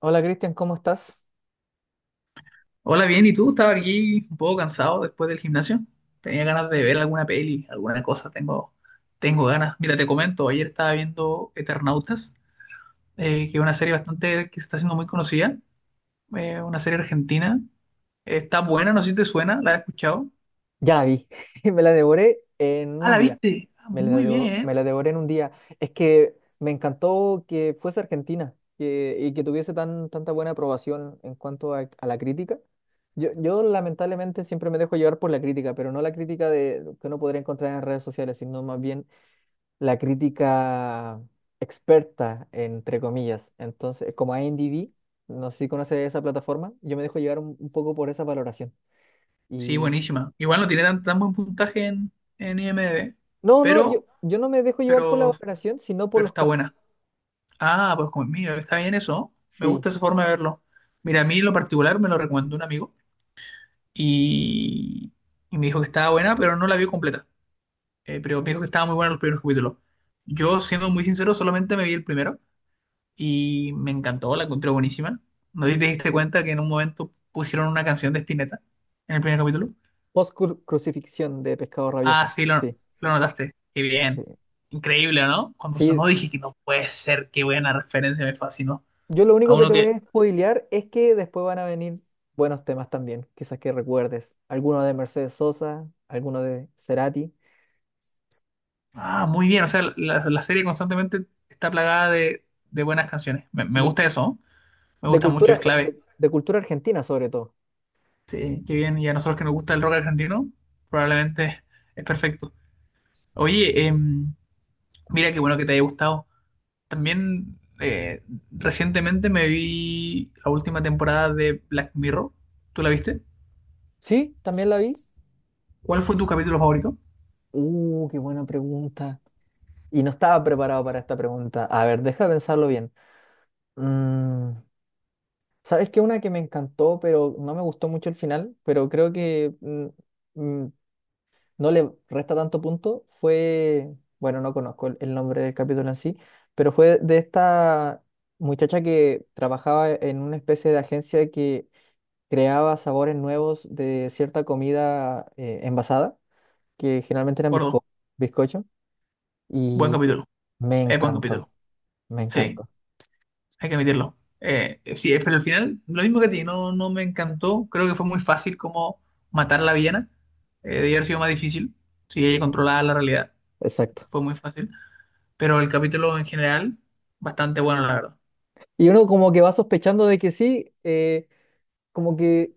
Hola Cristian, ¿cómo estás? Hola, bien, ¿y tú? Estaba aquí un poco cansado después del gimnasio. Tenía ganas de ver alguna peli, alguna cosa. Tengo ganas. Mira, te comento, ayer estaba viendo Eternautas, que es una serie bastante que se está haciendo muy conocida, una serie argentina. Está buena, no sé si te suena, ¿la has escuchado? Ya la vi, me la devoré en Ah, un ¿la día, viste? Ah, muy me bien. la devoré en un día. Es que me encantó que fuese Argentina y que tuviese tanta buena aprobación en cuanto a la crítica. Yo lamentablemente siempre me dejo llevar por la crítica, pero no la crítica que uno podría encontrar en redes sociales, sino más bien la crítica experta, entre comillas. Entonces, como IMDb, no sé si conoces esa plataforma, yo me dejo llevar un poco por esa valoración. Sí, Y buenísima. Igual no tiene tan, tan buen puntaje en IMDb, no, no, pero, yo no me dejo llevar por la pero, valoración, sino por pero los está comentarios. buena. Ah, pues mira, está bien eso, ¿no? Me Sí, gusta esa forma de verlo. Mira, a mí en lo particular me lo recomendó un amigo y, y me dijo que estaba buena, pero no la vio completa. Pero me dijo que estaba muy buena los primeros capítulos. Yo, siendo muy sincero, solamente me vi el primero y me encantó, la encontré buenísima. ¿No te diste cuenta que en un momento pusieron una canción de Spinetta en el primer capítulo? post-crucifixión de Pescado Ah, Rabioso. sí, lo, Sí, lo notaste. Qué bien. sí. Increíble, ¿no? Cuando Sí, sonó dije que no puede ser, qué buena referencia, me fascinó. yo lo A único que uno te voy que a spoilear es que después van a venir buenos temas también, quizás que recuerdes. Alguno de Mercedes Sosa, alguno de Cerati. Ah, muy bien. O sea, la serie constantemente está plagada de buenas canciones. Me De, gusta eso, ¿no? Me gusta mucho, es clave. de cultura argentina, sobre todo. Sí, qué bien. Y a nosotros que nos gusta el rock argentino, probablemente es perfecto. Oye, mira qué bueno que te haya gustado. También recientemente me vi la última temporada de Black Mirror. ¿Tú la viste? Sí, también la vi. ¿Cuál fue tu capítulo favorito? Me Qué buena pregunta. Y no estaba preparado para esta pregunta. A ver, deja de pensarlo bien. Mm. ¿Sabes qué? Una que me encantó, pero no me gustó mucho el final, pero creo que mm, no le resta tanto punto, fue, bueno, no conozco el nombre del capítulo en sí, pero fue de esta muchacha que trabajaba en una especie de agencia que creaba sabores nuevos de cierta comida envasada, que generalmente eran acuerdo. Bizcocho, Buen y capítulo. me Es buen capítulo. encantó, me Sí. encantó, Hay que admitirlo. Sí, pero al final, lo mismo que a ti, no, no me encantó. Creo que fue muy fácil como matar a la villana. Debió haber sido más difícil. Si ella controlaba la realidad, exacto. fue muy fácil. Pero el capítulo en general, bastante bueno, la verdad. Y uno como que va sospechando de que sí, como que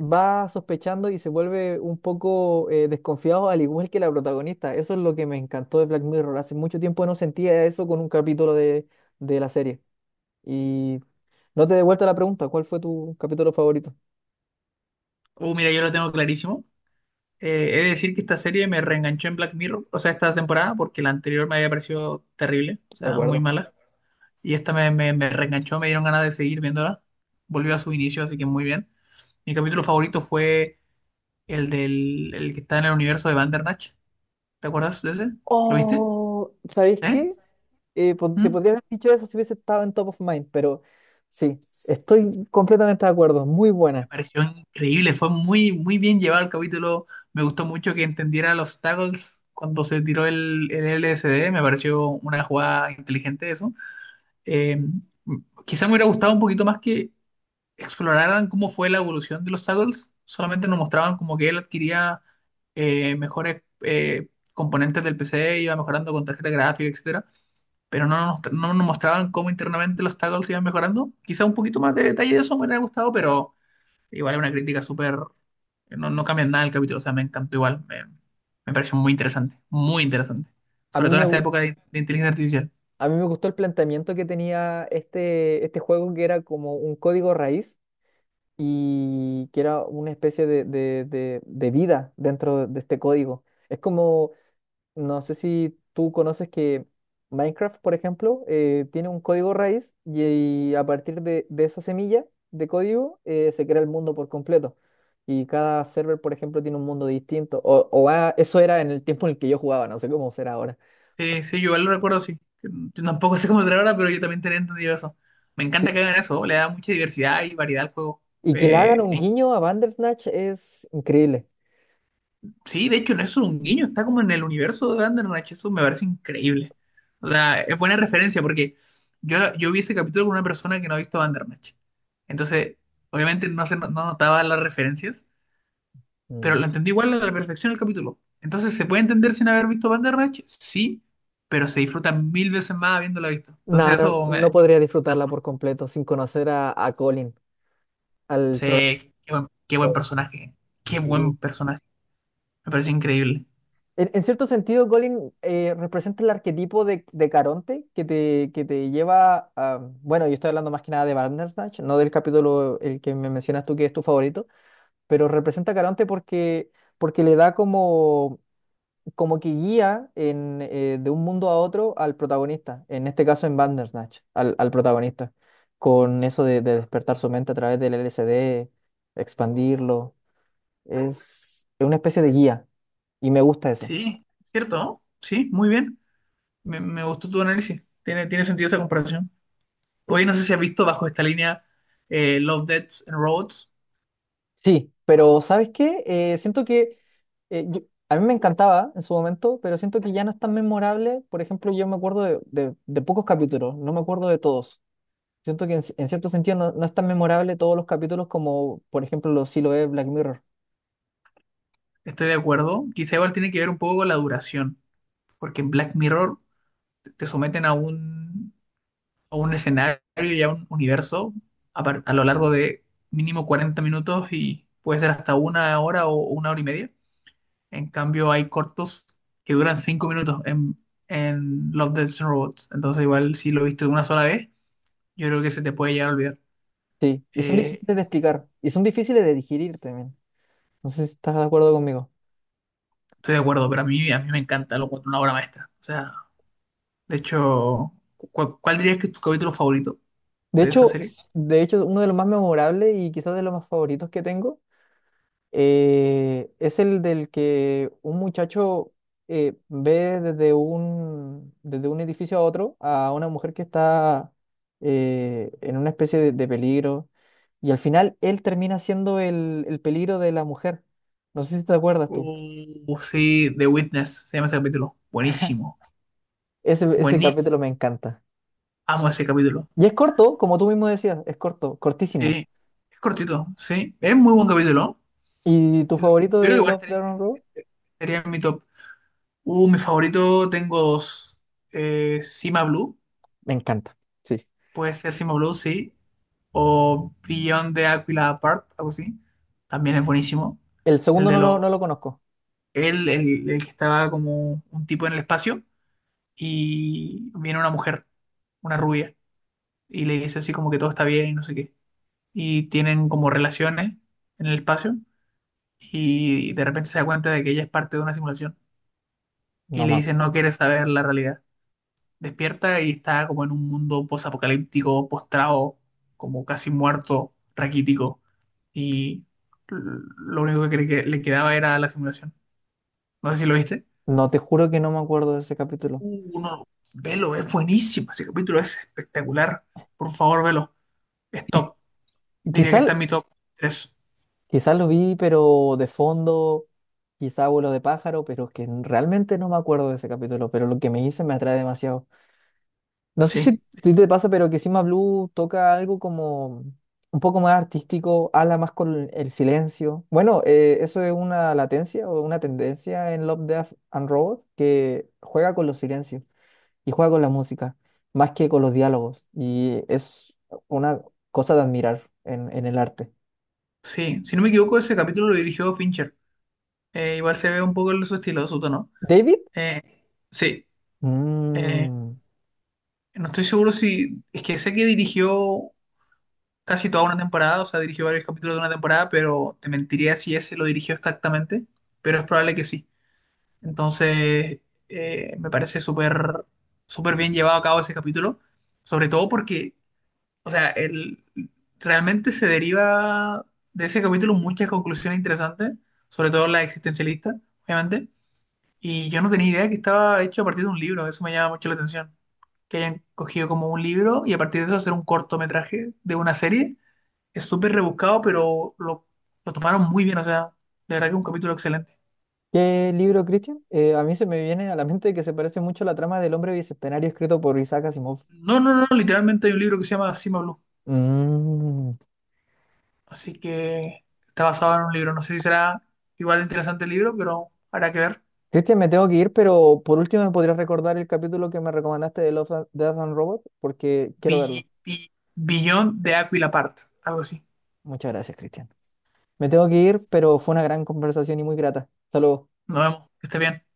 va sospechando y se vuelve un poco desconfiado, al igual que la protagonista. Eso es lo que me encantó de Black Mirror. Hace mucho tiempo no sentía eso con un capítulo de la serie. Y no te devuelta la pregunta, ¿cuál fue tu capítulo favorito? Mira, yo lo tengo clarísimo. He de decir que esta serie me reenganchó en Black Mirror, o sea, esta temporada, porque la anterior me había parecido terrible, o De sea, muy acuerdo. mala. Y esta me reenganchó, me dieron ganas de seguir viéndola. Volvió a su inicio, así que muy bien. Mi capítulo favorito fue el que está en el universo de Bandersnatch. ¿Te acuerdas de ese? ¿Lo viste? Oh, ¿sabéis ¿Eh? qué? Te ¿Mm? podría haber dicho eso si hubiese estado en Top of Mind, pero sí, estoy completamente de acuerdo. Muy Me buena. pareció increíble, fue muy, muy bien llevado el capítulo. Me gustó mucho que entendiera los tackles cuando se tiró el LSD. Me pareció una jugada inteligente eso. Eh, Quizá me hubiera gustado un poquito más que exploraran cómo fue la evolución de los tackles. Solamente nos mostraban como que él adquiría mejores componentes del PC, iba mejorando con tarjeta gráfica, etcétera, pero no nos mostraban cómo internamente los tackles iban mejorando. Quizá un poquito más de detalle de eso me hubiera gustado, pero igual es una crítica súper. No, no cambia nada el capítulo, o sea, me encantó igual, me pareció muy interesante, A sobre mí todo me, en esta gu- época de inteligencia artificial. a mí me gustó el planteamiento que tenía este juego que era como un código raíz y que era una especie de vida dentro de este código. Es como, no sé si tú conoces que Minecraft, por ejemplo, tiene un código raíz y, a partir de esa semilla de código se crea el mundo por completo. Y cada server, por ejemplo, tiene un mundo distinto. Eso era en el tiempo en el que yo jugaba, no sé cómo será ahora. Sí, sí, yo igual lo recuerdo, sí. Yo tampoco sé cómo será ahora, pero yo también tenía entendido eso. Me Sí. encanta que hagan eso, le da mucha diversidad y variedad al juego. Y que le hagan Eh, un guiño a Bandersnatch es increíble. Sí, de hecho, no es un guiño, está como en el universo de Bandersnatch, eso me parece increíble. O sea, es buena referencia porque yo vi ese capítulo con una persona que no ha visto Bandersnatch. Entonces, obviamente no, se, no no notaba las referencias, pero Mm. lo entendí igual a la perfección el capítulo. Entonces, ¿se puede entender sin haber visto Bandersnatch? Sí, pero se disfruta mil veces más habiéndolo visto. Entonces, Nah, no, eso me. no podría disfrutarla por completo sin conocer a Colin, al programa. Sí, qué Sí, buen personaje, me sí. parece increíble. En cierto sentido, Colin representa el arquetipo de Caronte que te lleva a... Bueno, yo estoy hablando más que nada de Bandersnatch, no del capítulo el que me mencionas tú que es tu favorito, pero representa a Caronte porque, porque le da como como que guía en, de un mundo a otro al protagonista, en este caso en Bandersnatch, al protagonista, con eso de despertar su mente a través del LSD, expandirlo. Es una especie de guía y me gusta eso. Sí, ¿cierto? ¿No? Sí, muy bien. Me gustó tu análisis. Tiene sentido esa comparación. Hoy no sé si has visto bajo esta línea Love, Deaths and Robots. Sí, pero ¿sabes qué? Siento que eh, yo- a mí me encantaba en su momento, pero siento que ya no es tan memorable. Por ejemplo, yo me acuerdo de pocos capítulos, no me acuerdo de todos. Siento que en cierto sentido no, no es tan memorable todos los capítulos como, por ejemplo, los sí lo es Black Mirror. Estoy de acuerdo. Quizá igual tiene que ver un poco con la duración, porque en Black Mirror te someten a un escenario y a un universo a, a lo largo de mínimo 40 minutos y puede ser hasta una hora o una hora y media. En cambio, hay cortos que duran 5 minutos en, Love, Deaths and Robots. Entonces, igual si lo viste una sola vez, yo creo que se te puede llegar a olvidar. Sí, y son Eh, difíciles de explicar y son difíciles de digerir también. No sé si estás de acuerdo conmigo. Estoy de acuerdo, pero a mí me encanta, lo encuentro una obra maestra. O sea, de hecho, ¿cuál dirías que es tu capítulo favorito De de esa hecho, serie? de hecho, uno de los más memorables y quizás de los más favoritos que tengo es el del que un muchacho ve desde un edificio a otro a una mujer que está en una especie de peligro y al final él termina siendo el peligro de la mujer. No sé si te acuerdas tú. Sí, The Witness, se llama ese capítulo. Buenísimo, Ese capítulo buenísimo. me encanta. Amo ese capítulo. Y es corto, como tú mismo decías, es corto, cortísimo. Sí, es cortito, sí. Es muy buen capítulo. ¿Y tu Yo favorito creo que de igual Love, estaría, Death and Robots? estaría en mi top. Mi favorito tengo dos. Cima Blue. Me encanta, sí. Puede ser Simo Blue, sí. O Beyond the Aquila Apart, algo así. También es buenísimo. El El segundo de los. no lo conozco. El que estaba como un tipo en el espacio. Y viene una mujer, una rubia. Y le dice así como que todo está bien y no sé qué. Y tienen como relaciones en el espacio. Y de repente se da cuenta de que ella es parte de una simulación. Y No le me, dice, no acu- quieres saber la realidad. Despierta y está como en un mundo posapocalíptico, postrado, como casi muerto, raquítico. Y l- lo único que le quedaba era la simulación. No sé si lo viste. no te juro que no me acuerdo de ese capítulo. No, velo, es buenísimo. Ese capítulo es espectacular. Por favor, velo. Es top. Diría que Quizás está en mi top tres. quizás lo vi, pero de fondo, quizá vuelo de pájaro, pero es que realmente no me acuerdo de ese capítulo, pero lo que me hice me atrae demasiado. No sé si a Sí, ti te pasa, pero que Sima Blue toca algo como un poco más artístico, habla más con el silencio. Bueno, eso es una latencia o una tendencia en Love, Death and Robots que juega con los silencios y juega con la música, más que con los diálogos. Y es una cosa de admirar en el arte. sí. Si no me equivoco, ese capítulo lo dirigió Fincher. Igual se ve un poco su estilo, su tono. David. Eh, sí. Eh, Mm. no estoy seguro si. Es que sé que dirigió casi toda una temporada, o sea, dirigió varios capítulos de una temporada, pero te mentiría si ese lo dirigió exactamente, pero es probable que sí. Entonces, me parece súper súper bien llevado a cabo ese capítulo, sobre todo porque, o sea, realmente se deriva de ese capítulo muchas conclusiones interesantes, sobre todo la existencialista, obviamente, y yo no tenía idea que estaba hecho a partir de un libro, eso me llama mucho la atención. Que hayan cogido como un libro y a partir de eso hacer un cortometraje de una serie es súper rebuscado, pero lo tomaron muy bien, o sea, de verdad que es un capítulo excelente. ¿Qué libro, Cristian? A mí se me viene a la mente que se parece mucho a la trama del hombre bicentenario escrito por Isaac Asimov. No, no, no, literalmente hay un libro que se llama Cima Blue, Mm. así que está basado en un libro. No sé si será igual de interesante el libro, pero habrá que ver. Cristian, me tengo que ir, pero por último me podrías recordar el capítulo que me recomendaste de Love, Death and Robot, porque quiero verlo. Billón de Aquila Part, algo así. Muchas gracias, Cristian. Me tengo que ir, pero fue una gran conversación y muy grata. Saludos. Nos vemos, que esté bien.